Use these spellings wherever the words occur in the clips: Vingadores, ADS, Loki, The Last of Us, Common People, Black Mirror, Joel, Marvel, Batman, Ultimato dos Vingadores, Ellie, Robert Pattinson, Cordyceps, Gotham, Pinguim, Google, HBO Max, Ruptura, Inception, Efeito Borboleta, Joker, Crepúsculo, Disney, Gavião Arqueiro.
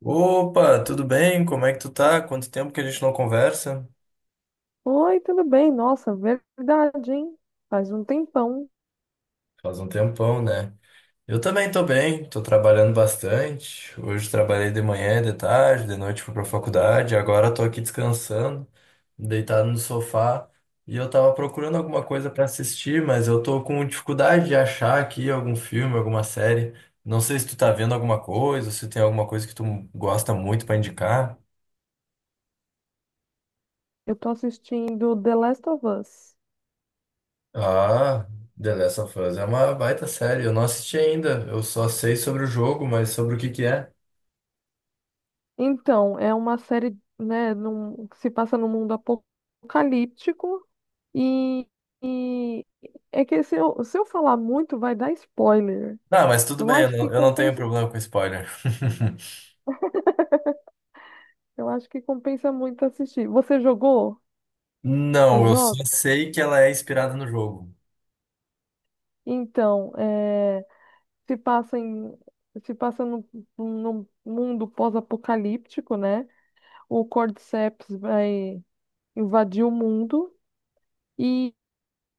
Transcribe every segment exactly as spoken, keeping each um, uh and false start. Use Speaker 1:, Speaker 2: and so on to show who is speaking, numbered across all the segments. Speaker 1: Opa, tudo bem? Como é que tu tá? Quanto tempo que a gente não conversa?
Speaker 2: Oi, tudo bem? Nossa, verdade, hein? Faz um tempão.
Speaker 1: Faz um tempão, né? Eu também tô bem, tô trabalhando bastante. Hoje trabalhei de manhã, de tarde, de noite fui pra faculdade. Agora tô aqui descansando, deitado no sofá. E eu tava procurando alguma coisa pra assistir, mas eu tô com dificuldade de achar aqui algum filme, alguma série. Não sei se tu tá vendo alguma coisa, se tem alguma coisa que tu gosta muito pra indicar.
Speaker 2: Eu tô assistindo The Last of Us.
Speaker 1: Ah, The Last of Us é uma baita série. Eu não assisti ainda. Eu só sei sobre o jogo, mas sobre o que que é.
Speaker 2: Então, é uma série, né, num- que se passa num mundo apocalíptico e, e é que se eu, se eu falar muito vai dar spoiler.
Speaker 1: Não, mas tudo
Speaker 2: Eu
Speaker 1: bem, eu
Speaker 2: acho que
Speaker 1: não, eu não tenho
Speaker 2: compensa,
Speaker 1: problema com spoiler.
Speaker 2: eu acho que compensa muito assistir. Você jogou o
Speaker 1: Não, eu
Speaker 2: jogo?
Speaker 1: só sei que ela é inspirada no jogo.
Speaker 2: Então, é, se passa em, se passa num num mundo pós-apocalíptico, né? O Cordyceps vai invadir o mundo e,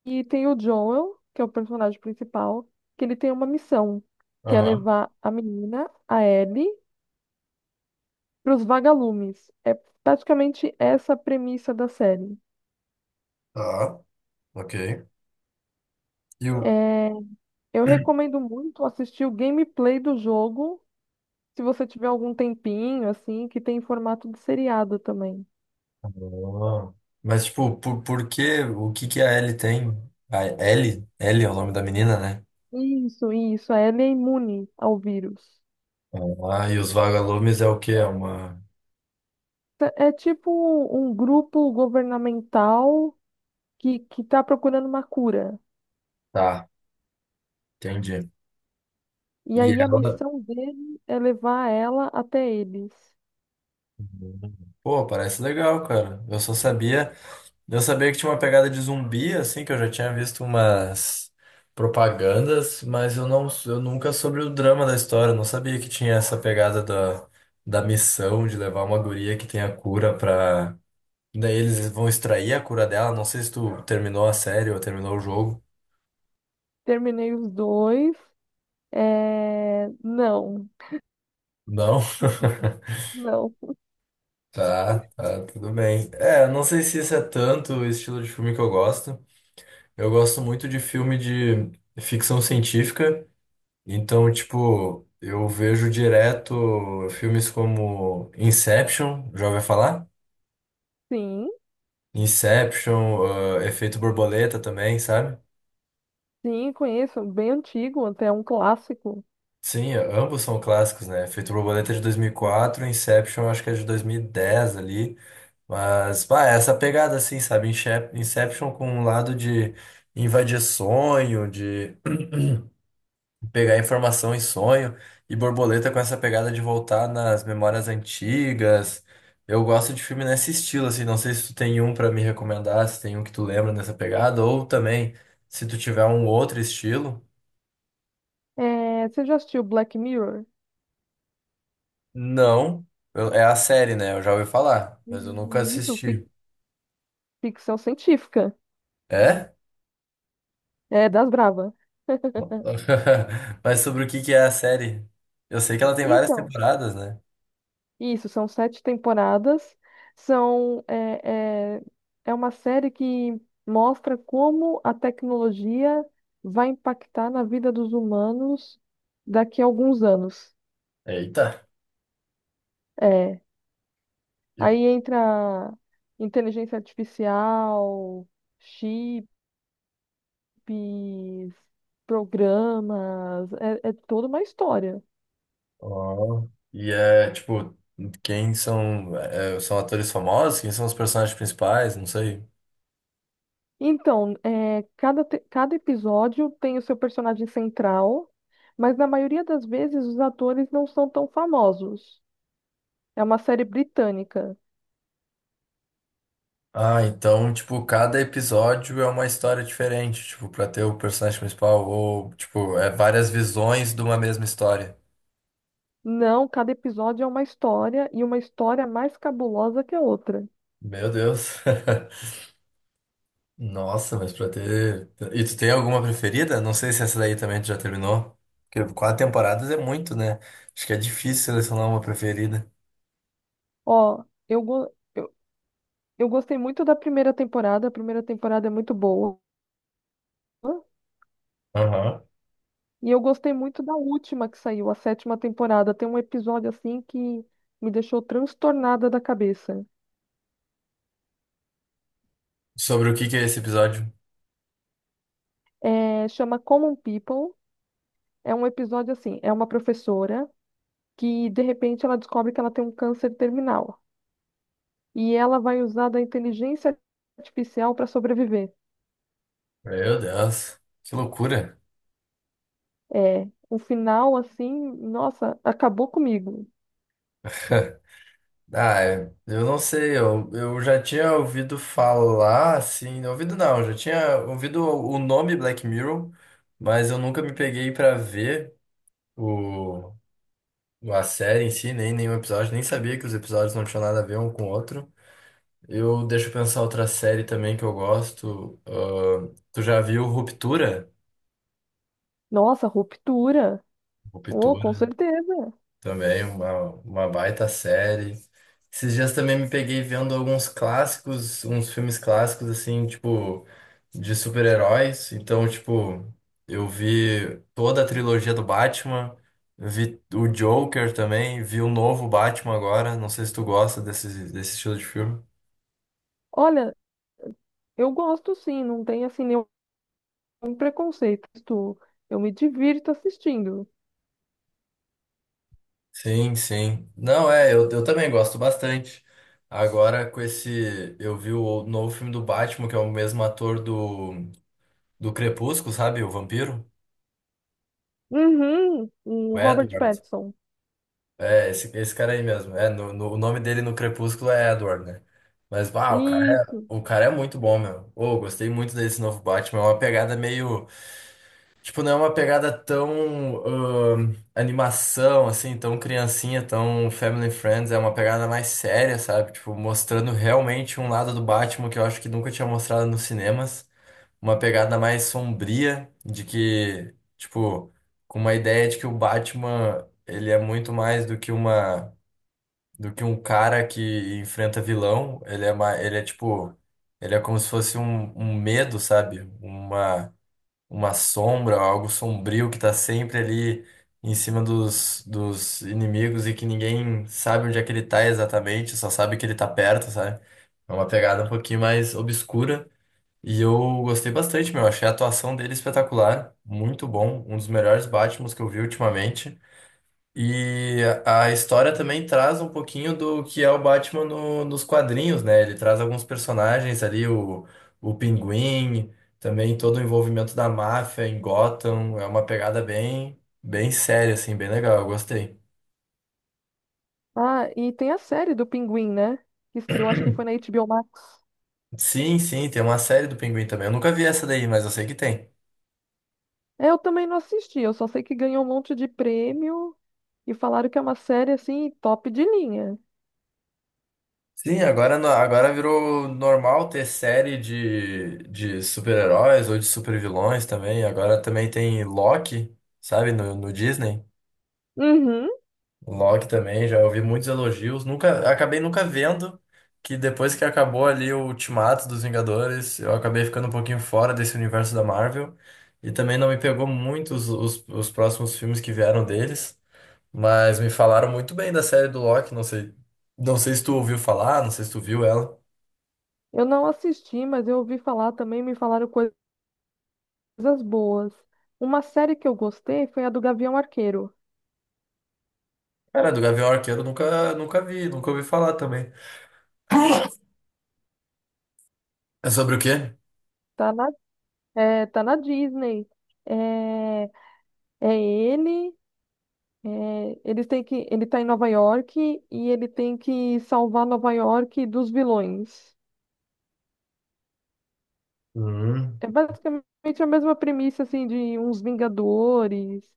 Speaker 2: e tem o Joel, que é o personagem principal, que ele tem uma missão, que é
Speaker 1: Aham.
Speaker 2: levar a menina, a Ellie, para os vagalumes. É praticamente essa a premissa da série.
Speaker 1: Tá, ok. E o...
Speaker 2: É, eu recomendo muito assistir o gameplay do jogo, se você tiver algum tempinho, assim, que tem em formato de seriado também.
Speaker 1: Ah. Mas, tipo, por, por que, o que que a Ellie tem? A Ellie? Ellie é o nome da menina, né?
Speaker 2: Isso, isso, a Ellie é imune ao vírus.
Speaker 1: Ah, e os vagalumes é o quê? É uma...
Speaker 2: Tá- É tipo um um grupo governamental que, que tá procurando uma cura.
Speaker 1: Tá, entendi.
Speaker 2: E
Speaker 1: E
Speaker 2: aí a
Speaker 1: ela...
Speaker 2: missão dele é levar ela até eles.
Speaker 1: Pô, parece legal, cara. Eu só sabia, eu sabia que tinha uma pegada de zumbi, assim, que eu já tinha visto umas propagandas, mas eu não, eu nunca soube o drama da história. Eu não sabia que tinha essa pegada da, da missão de levar uma guria que tem a cura pra. Daí eles vão extrair a cura dela. Não sei se tu terminou a série ou terminou o jogo.
Speaker 2: Terminei os dois. É... Não,
Speaker 1: Não?
Speaker 2: não.
Speaker 1: Tá, tá, tudo bem. É, eu não sei se isso é tanto o estilo de filme que eu gosto. Eu gosto muito de filme de ficção científica, então, tipo, eu vejo direto filmes como Inception, já ouviu falar?
Speaker 2: Sim,
Speaker 1: Inception, ah, Efeito Borboleta também, sabe?
Speaker 2: sim, conheço. Bem antigo, até um clássico.
Speaker 1: Sim, ambos são clássicos, né? Efeito Borboleta é de dois mil e
Speaker 2: Sim.
Speaker 1: quatro, Inception acho que é de dois mil e dez ali, mas, pá, é essa pegada assim, sabe? Inche- Inception com um lado de invadir sonho, de pegar informação em sonho e borboleta com essa pegada de voltar nas memórias antigas. Eu gosto de filme nesse estilo, assim, não sei se tu tem um pra me recomendar, se tem um que tu lembra nessa pegada, ou também se tu tiver um outro estilo.
Speaker 2: É... Você já assistiu Black Mirror?
Speaker 1: Não, eu- é a série, né? Eu já ouvi falar, mas eu nunca
Speaker 2: Isso, fic-
Speaker 1: assisti.
Speaker 2: ficção científica.
Speaker 1: É?
Speaker 2: É, das brava.
Speaker 1: Mas sobre o que que é a série? Eu sei que ela tem várias
Speaker 2: Então,
Speaker 1: temporadas, né?
Speaker 2: isso, são sete temporadas. São, é, é, é uma série que mostra como a tecnologia vai impactar na vida dos humanos daqui a alguns anos.
Speaker 1: Eita.
Speaker 2: É, aí entra inteligência artificial, chips, programas, é é toda uma história.
Speaker 1: Ó. E é, tipo, quem são, é, são atores famosos? Quem são os personagens principais? Não sei.
Speaker 2: Então, é, cada, te- cada episódio tem o seu personagem central, mas na maioria das vezes os atores não são tão famosos. É uma série britânica.
Speaker 1: Ah, então, tipo, cada episódio é uma história diferente, tipo, pra ter o personagem principal, ou, tipo, é várias visões de uma mesma história.
Speaker 2: Não, cada episódio é uma história e uma história mais cabulosa que a outra.
Speaker 1: Meu Deus. Nossa, mas pra ter. E tu tem alguma preferida? Não sei se essa daí também tu já terminou. Porque quatro temporadas é muito, né? Acho que é difícil selecionar uma preferida.
Speaker 2: Ó, eu, go- eu, eu gostei muito da primeira temporada, a primeira temporada é muito boa.
Speaker 1: Aham.
Speaker 2: E eu gostei muito da última que saiu, a sétima temporada. Tem um episódio assim que me deixou transtornada da cabeça.
Speaker 1: Sobre o que que é esse episódio?
Speaker 2: É, chama Common People. É um episódio assim, é uma professora que de repente ela descobre que ela tem um câncer terminal e ela vai usar da inteligência artificial para sobreviver.
Speaker 1: Meu Deus, que loucura.
Speaker 2: É, o final assim, nossa, acabou comigo.
Speaker 1: Ah, é, eu não sei, eu, eu já tinha ouvido falar, assim, ouvido não, já tinha ouvido o o nome Black Mirror, mas eu nunca me peguei pra ver o, a série em si, nem nenhum episódio, nem sabia que os episódios não tinham nada a ver um com o outro. Eu deixo eu pensar outra série também que eu gosto. Ahn, tu já viu Ruptura?
Speaker 2: Nossa, ruptura. Oh, com
Speaker 1: Ruptura
Speaker 2: certeza.
Speaker 1: também, uma, uma baita série. Esses dias também me peguei vendo alguns clássicos, uns filmes clássicos, assim, tipo, de super-heróis. Então, tipo, eu vi toda a trilogia do Batman, vi o Joker também, vi o novo Batman agora. Não sei se tu gosta desse, desse estilo de filme.
Speaker 2: Olha, eu gosto sim, não tem assim nenhum preconceito. Isto, eu me divirto assistindo.
Speaker 1: Sim, sim. Não, é, eu, eu também gosto bastante. Agora, com esse. Eu vi o novo filme do Batman, que é o mesmo ator do, do Crepúsculo, sabe? O Vampiro,
Speaker 2: Uhum, o
Speaker 1: o
Speaker 2: Robert
Speaker 1: Edward.
Speaker 2: Pattinson.
Speaker 1: É, esse, esse cara aí mesmo. É, no, no- o nome dele no Crepúsculo é Edward, né? Mas, uau, o cara é,
Speaker 2: Isso.
Speaker 1: o cara é muito bom, meu. Ô, gostei muito desse novo Batman. É uma pegada meio. Tipo, não é uma pegada tão ahn, animação, assim, tão criancinha, tão family friends. É uma pegada mais séria, sabe? Tipo, mostrando realmente um lado do Batman que eu acho que nunca tinha mostrado nos cinemas. Uma pegada mais sombria, de que, tipo, com uma ideia de que o Batman, ele é muito mais do que uma do que um cara que enfrenta vilão. Ele é uma, ele é tipo, ele é como se fosse um, um medo, sabe? Uma, uma sombra, algo sombrio que tá sempre ali em cima dos, dos inimigos e que ninguém sabe onde é que ele tá exatamente, só sabe que ele tá perto, sabe? É uma pegada um pouquinho mais obscura. E eu gostei bastante, meu. Achei a atuação dele espetacular, muito bom, um dos melhores Batmans que eu vi ultimamente. E a a história também traz um pouquinho do que é o Batman no- nos quadrinhos, né? Ele traz alguns personagens ali, o, o Pinguim, também todo o envolvimento da máfia em Gotham. É uma pegada bem, bem séria, assim, bem legal. Eu gostei.
Speaker 2: Ah, e tem a série do Pinguim, né? Que estreou, acho que foi na H B O Max.
Speaker 1: Sim, sim, tem uma série do Pinguim também. Eu nunca vi essa daí, mas eu sei que tem.
Speaker 2: É, Eu também não assisti, eu só sei que ganhou um monte de prêmio e falaram que é uma série assim top de linha.
Speaker 1: Sim, agora, no- agora virou normal ter série de, de super-heróis ou de super-vilões também. Agora também tem Loki, sabe, no no Disney.
Speaker 2: Uhum.
Speaker 1: O Loki também, já ouvi muitos elogios. Nunca, acabei nunca vendo que depois que acabou ali o Ultimato dos Vingadores, eu acabei ficando um pouquinho fora desse universo da Marvel. E também não me pegou muito os, os, os próximos filmes que vieram deles. Mas me falaram muito bem da série do Loki. Não sei, não sei se tu ouviu falar, não sei se tu viu ela.
Speaker 2: Eu não assisti, mas eu ouvi falar também, me falaram coisas boas. Uma série que eu gostei foi a do Gavião Arqueiro.
Speaker 1: Cara, do Gavião Arqueiro eu nunca, nunca vi, nunca ouvi falar também. É sobre o quê?
Speaker 2: Tá na, é, tá na Disney. É, é ele, é, eles têm que, ele tá em Nova York e ele tem que salvar Nova York dos vilões.
Speaker 1: Hum,
Speaker 2: É basicamente a mesma premissa assim de uns Vingadores.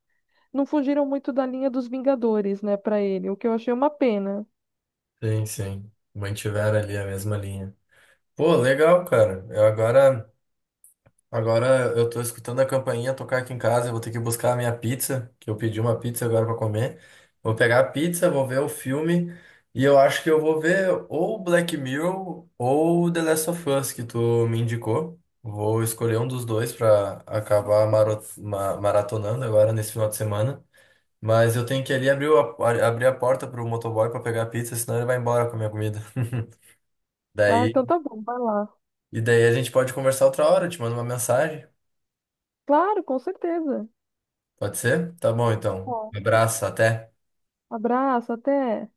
Speaker 2: Não fugiram muito da linha dos Vingadores, né, pra ele, o que eu achei uma pena.
Speaker 1: sim, sim. Mantiveram ali a mesma linha. Pô, legal, cara. Eu agora. Agora eu tô escutando a campainha tocar aqui em casa. Eu vou ter que buscar a minha pizza, que eu pedi uma pizza agora pra comer. Vou pegar a pizza, vou ver o filme. E eu acho que eu vou ver ou Black Mirror ou The Last of Us, que tu me indicou. Vou escolher um dos dois pra acabar maro- ma- maratonando agora nesse final de semana. Mas eu tenho que ali abrir a, abrir a porta pro motoboy pra pegar a pizza, senão ele vai embora com a minha comida.
Speaker 2: Ah,
Speaker 1: Daí,
Speaker 2: então tá bom, vai lá.
Speaker 1: e daí a gente pode conversar outra hora, eu te mando uma mensagem.
Speaker 2: Claro, com certeza.
Speaker 1: Pode ser? Tá bom, então.
Speaker 2: Bom,
Speaker 1: Um abraço, até.
Speaker 2: abraço, até.